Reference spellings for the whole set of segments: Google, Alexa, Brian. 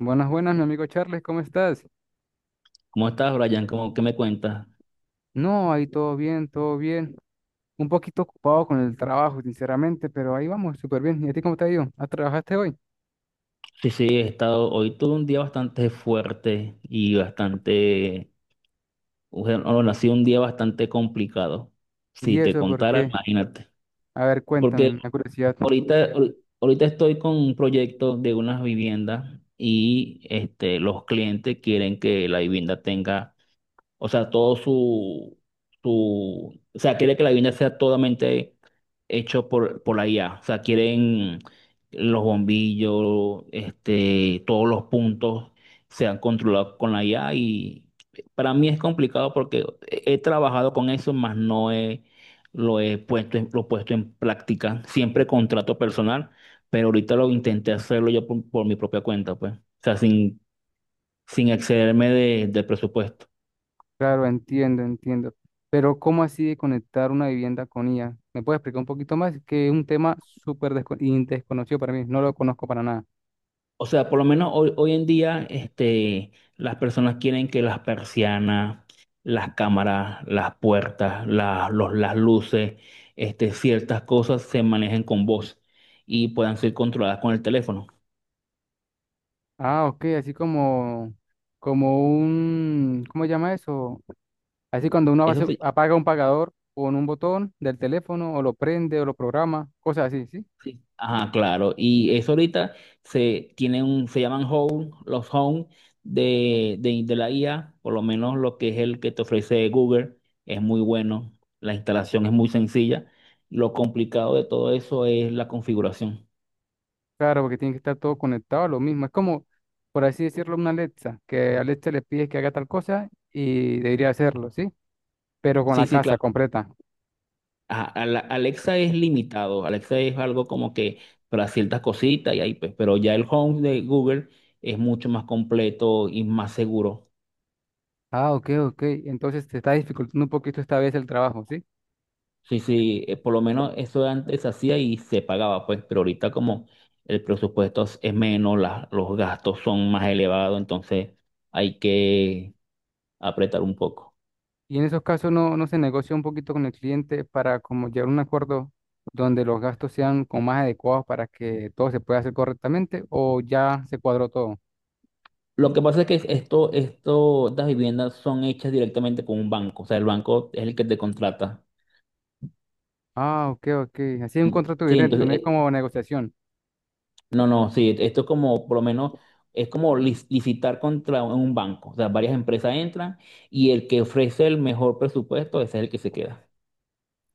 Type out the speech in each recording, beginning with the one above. Buenas, buenas, mi amigo Charles, ¿cómo estás? ¿Cómo estás, Brian? ¿Qué me cuentas? No, ahí todo bien, todo bien. Un poquito ocupado con el trabajo, sinceramente, pero ahí vamos, súper bien. ¿Y a ti cómo te ha ido? ¿Ah, trabajaste hoy? Sí, He estado, hoy tuve un día bastante fuerte y bastante, bueno, no, bueno, ha sido un día bastante complicado. Si ¿Y te eso por contara, qué? imagínate. A ver, cuéntame, Porque me da curiosidad. Ahorita estoy con un proyecto de unas viviendas y los clientes quieren que la vivienda tenga. O sea, quiere que la vivienda sea totalmente hecho por la IA. O sea, quieren los bombillos, todos los puntos sean controlados con la IA y para mí es complicado porque he trabajado con eso, más no he, lo he puesto, lo he puesto en práctica. Siempre contrato personal, pero ahorita lo intenté hacerlo yo por mi propia cuenta, pues. O sea, sin excederme del presupuesto. Claro, entiendo, entiendo. Pero ¿cómo así de conectar una vivienda con IA? ¿Me puedes explicar un poquito más? Que es un tema súper desconocido para mí, no lo conozco para nada. O sea, por lo menos hoy en día, las personas quieren que las persianas, las cámaras, las puertas, las luces, ciertas cosas se manejen con voz y puedan ser controladas con el teléfono. Ah, ok, así como, como un, ¿cómo se llama eso? Así cuando uno Eso sí. apaga un pagador con un botón del teléfono o lo prende o lo programa, cosas así, ¿sí? Sí. Ajá, claro. Y eso ahorita se llaman home, los home de la IA. Por lo menos lo que es el que te ofrece Google, es muy bueno. La instalación es muy sencilla. Lo complicado de todo eso es la configuración. Claro, porque tiene que estar todo conectado a lo mismo. Es como, por así decirlo, una Alexa, que Alexa le pide que haga tal cosa y debería hacerlo, ¿sí? Pero con Sí, la sí, casa claro. completa. Ajá, Alexa es limitado. Alexa es algo como que para ciertas cositas y ahí pues, pero ya el home de Google es mucho más completo y más seguro. Ah, ok, ok. Entonces te está dificultando un poquito esta vez el trabajo, ¿sí? Sí, sí, por lo menos eso antes se hacía y se pagaba, pues, pero ahorita como el presupuesto es menos, los gastos son más elevados, entonces hay que apretar un poco. Y en esos casos no, no se negocia un poquito con el cliente para como llegar a un acuerdo donde los gastos sean como más adecuados para que todo se pueda hacer correctamente o ya se cuadró todo. Lo que pasa es que estas viviendas son hechas directamente con un banco, o sea, el banco es el que te contrata. Ah, ok, ok. Así es un contrato Sí, directo, entonces, no es como negociación. no, no, sí, esto es como, por lo menos, es como licitar contra un banco, o sea, varias empresas entran y el que ofrece el mejor presupuesto, ese es el que se queda.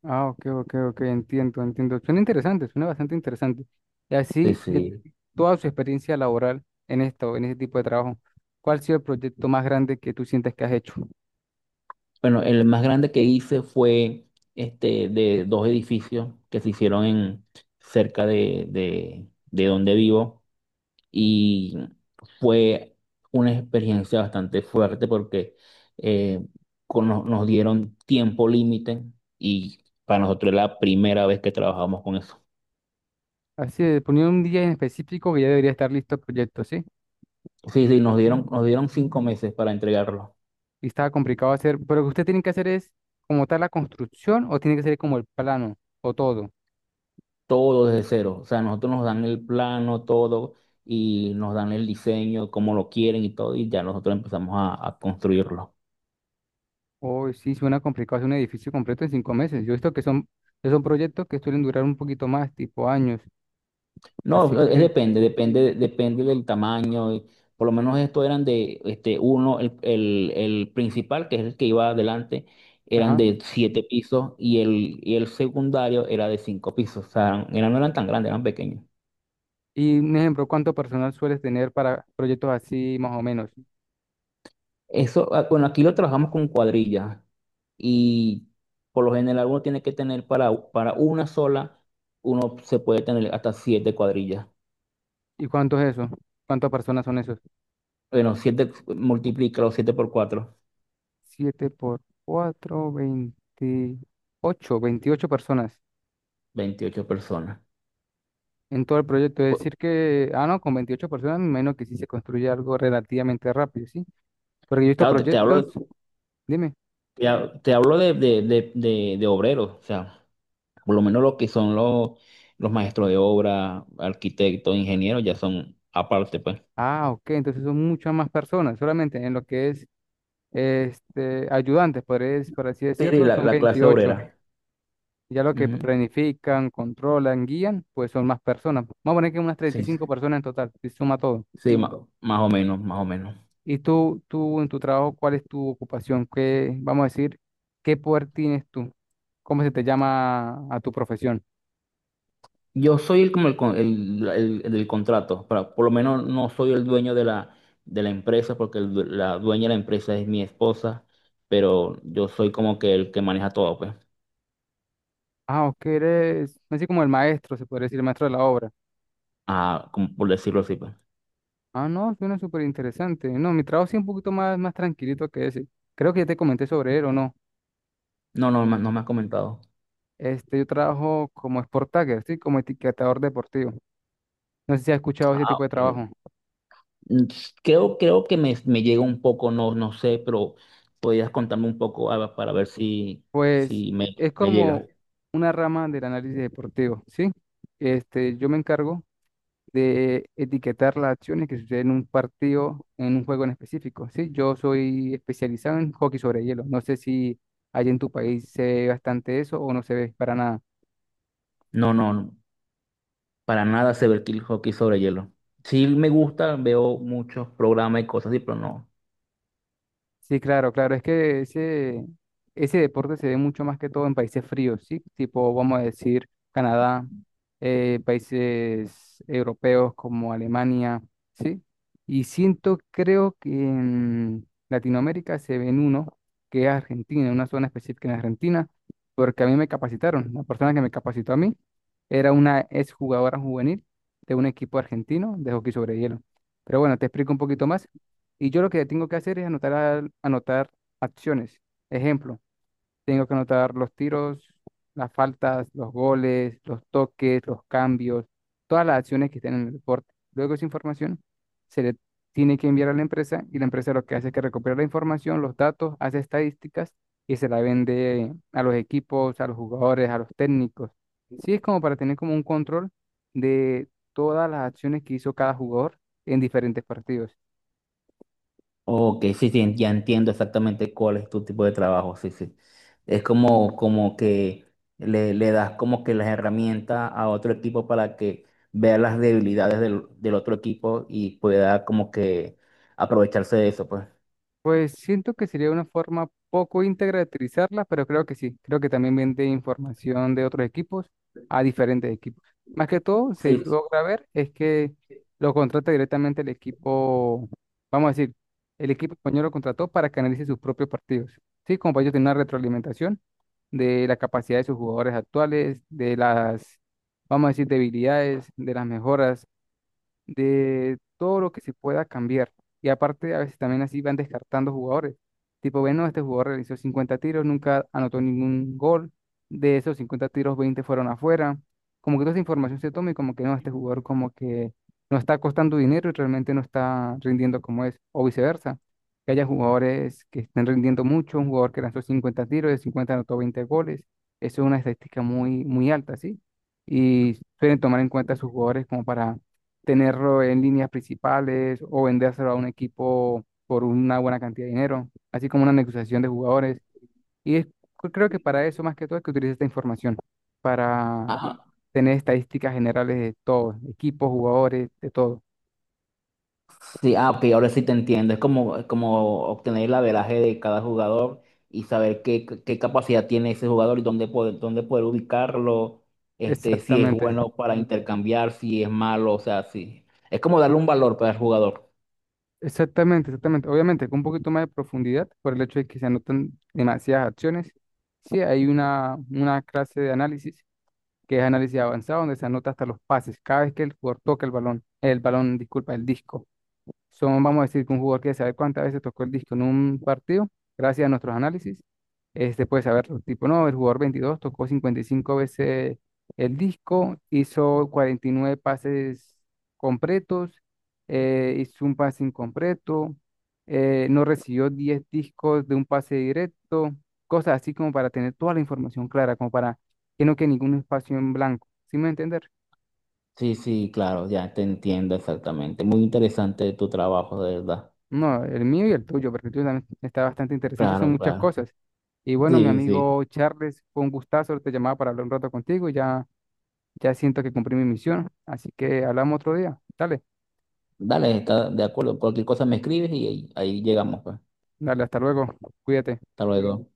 Ah, ok, ok, ok, entiendo, entiendo. Suena interesante, suena bastante interesante. Y Sí, así, de sí. toda su experiencia laboral en esto, en este tipo de trabajo, ¿cuál ha sido el proyecto más grande que tú sientes que has hecho? Bueno, el más grande que hice fue este de dos edificios que se hicieron en cerca de donde vivo y fue una experiencia bastante fuerte porque eh, nos dieron tiempo límite y para nosotros era la primera vez que trabajamos con eso. Así, de poniendo un día en específico que ya debería estar listo el proyecto, ¿sí? Sí, sí, nos dieron 5 meses para entregarlo. Y estaba complicado hacer, pero lo que usted tiene que hacer es como tal la construcción o tiene que ser como el plano o todo. Todo desde cero. O sea, nosotros nos dan el plano, todo, y nos dan el diseño, cómo lo quieren y todo, y ya nosotros empezamos a construirlo. Hoy sí, suena complicado hacer un edificio completo en 5 meses. Yo he visto que que son proyectos que suelen durar un poquito más, tipo años. Así No, es que, depende del tamaño. Y por lo menos estos eran de, este, uno, el principal, que es el que iba adelante, eran ajá. de 7 pisos y y el secundario era de 5 pisos. O sea, eran, no eran tan grandes, eran pequeños. Y un ejemplo, ¿cuánto personal sueles tener para proyectos así más o menos? Eso, ah, bueno, aquí lo trabajamos con cuadrillas. Y por lo general uno tiene que tener para una sola, uno se puede tener hasta 7 cuadrillas. ¿Y cuánto es eso? ¿Cuántas personas son esos? Bueno, siete, multiplícalo, 7 por 4, Siete por cuatro, 28, 28 personas 28 personas. en todo el proyecto. Es Cu- decir que, ah, no, con 28 personas, me imagino que sí se construye algo relativamente rápido, ¿sí? Porque yo he visto Claro, te proyectos, hablo, dime. Te hablo de obreros, o sea, por lo menos lo que son los maestros de obra, arquitectos, ingenieros, ya son aparte, pues. Ah, ok, entonces son muchas más personas, solamente en lo que es este, ayudantes, podría- por así Sí, sí, decirlo, son la clase 28. obrera. Ya lo que Ujú. planifican, controlan, guían, pues son más personas. Vamos a poner que unas treinta y Sí, cinco personas en total, si suma todo. sí, más o menos, más o menos. Y tú en tu trabajo, ¿cuál es tu ocupación? ¿Qué, vamos a decir, qué poder tienes tú? ¿Cómo se te llama a tu profesión? Yo soy el, como el, con- el del contrato, para, por lo menos no soy el dueño de la empresa, porque la dueña de la empresa es mi esposa, pero yo soy como que el que maneja todo, pues, Ah, ok, eres así como el maestro, se podría decir, el maestro de la obra. ah, como por decirlo así, pues. Ah, no, suena súper interesante. No, mi trabajo sí es un poquito más, más tranquilito que ese. Creo que ya te comenté sobre él o no. No, no, no me ha comentado. Este, yo trabajo como sport tagger, ¿sí? Como etiquetador deportivo. No sé si has escuchado ese Ah, tipo de ok. trabajo. Mm. Creo que me llega un poco, no, no sé, pero podrías contarme un poco ah, para ver si, Pues es me llega. como una rama del análisis deportivo, ¿sí? Este, yo me encargo de etiquetar las acciones que suceden en un partido, en un juego en específico, ¿sí? Yo soy especializado en hockey sobre hielo. No sé si allá en tu país se ve bastante eso o no se ve para nada. No, no, no. Para nada sé ver el hockey sobre hielo. Sí me gusta, veo muchos programas y cosas así, pero no. Sí, claro, claro. Es que ese deporte se ve mucho más que todo en países fríos, ¿sí? Tipo, vamos a decir, Canadá, países europeos como Alemania, ¿sí? Y siento, creo que en Latinoamérica se ven uno, que es Argentina, una zona específica en Argentina, porque a mí me capacitaron. La persona que me capacitó a mí era una exjugadora juvenil de un equipo argentino de hockey sobre hielo. Pero bueno, te explico un poquito más. Y yo lo que tengo que hacer es anotar acciones. Ejemplo, tengo que anotar los tiros, las faltas, los goles, los toques, los cambios, todas las acciones que estén en el deporte. Luego esa información se le tiene que enviar a la empresa y la empresa lo que hace es que recupera la información, los datos, hace estadísticas y se la vende a los equipos, a los jugadores, a los técnicos. Sí, es como para tener como un control de todas las acciones que hizo cada jugador en diferentes partidos. Ok, sí, sí, ya entiendo exactamente cuál es tu tipo de trabajo, sí, sí. Es como que le das como que las herramientas a otro equipo para que vea las debilidades del otro equipo y pueda como que aprovecharse de eso, pues. Pues siento que sería una forma poco íntegra de utilizarla, pero creo que sí. Creo que también vende información de otros equipos a diferentes equipos. Más que todo, se Sí. logra ver es que lo contrata directamente el equipo, vamos a decir, el equipo español lo contrató para que analice sus propios partidos. Sí, como para ellos tiene una retroalimentación de la capacidad de sus jugadores actuales, de las, vamos a decir, debilidades, de las mejoras de todo lo que se pueda cambiar. Y aparte, a veces también así van descartando jugadores. Tipo, bueno, este jugador realizó 50 tiros, nunca anotó ningún gol. De esos 50 tiros, 20 fueron afuera. Como que toda esa información se toma y como que no, este jugador como que no está costando dinero y realmente no está rindiendo como es. O viceversa, que haya jugadores que estén rindiendo mucho, un jugador que lanzó 50 tiros, de 50 anotó 20 goles. Eso es una estadística muy, muy alta, ¿sí? Y suelen tomar en cuenta a sus jugadores como para tenerlo en líneas principales o vendérselo a un equipo por una buena cantidad de dinero, así como una negociación de jugadores. Y es- Creo que para eso más que todo es que utilice esta información, para Ajá. tener estadísticas generales de todo, equipos, jugadores, de todo. Sí, ah, ok, ahora sí te entiendo. Es como obtener el averaje de cada jugador y saber qué capacidad tiene ese jugador y dónde poder ubicarlo, este, si es Exactamente, bueno para intercambiar, si es malo, o sea, sí. Es como darle un valor para el jugador. exactamente, exactamente. Obviamente, con un poquito más de profundidad, por el hecho de que se anotan demasiadas acciones, sí hay una clase de análisis que es análisis avanzado, donde se anota hasta los pases, cada vez que el jugador toca el balón, disculpa, el disco. Son, vamos a decir, que un jugador que sabe cuántas veces tocó el disco en un partido, gracias a nuestros análisis, este puede saber, tipo, no, el jugador 22 tocó 55 veces el disco, hizo 49 pases completos, hizo un pase incompleto, no recibió 10 discos de un pase directo, cosas así como para tener toda la información clara, como para que no quede ningún espacio en blanco. ¿Sí me entiendes? Sí, sí, claro, ya te entiendo exactamente. Muy interesante tu trabajo, de verdad. No, el mío y el tuyo, porque el tuyo también está bastante interesante y son Claro, muchas claro. cosas. Y bueno, mi Sí, sí. amigo Charles, fue un gustazo, te llamaba para hablar un rato contigo y ya, ya siento que cumplí mi misión. Así que hablamos otro día. Dale, Dale, está de acuerdo. Cualquier cosa me escribes y ahí llegamos, pues. dale, hasta luego. Cuídate. Hasta luego.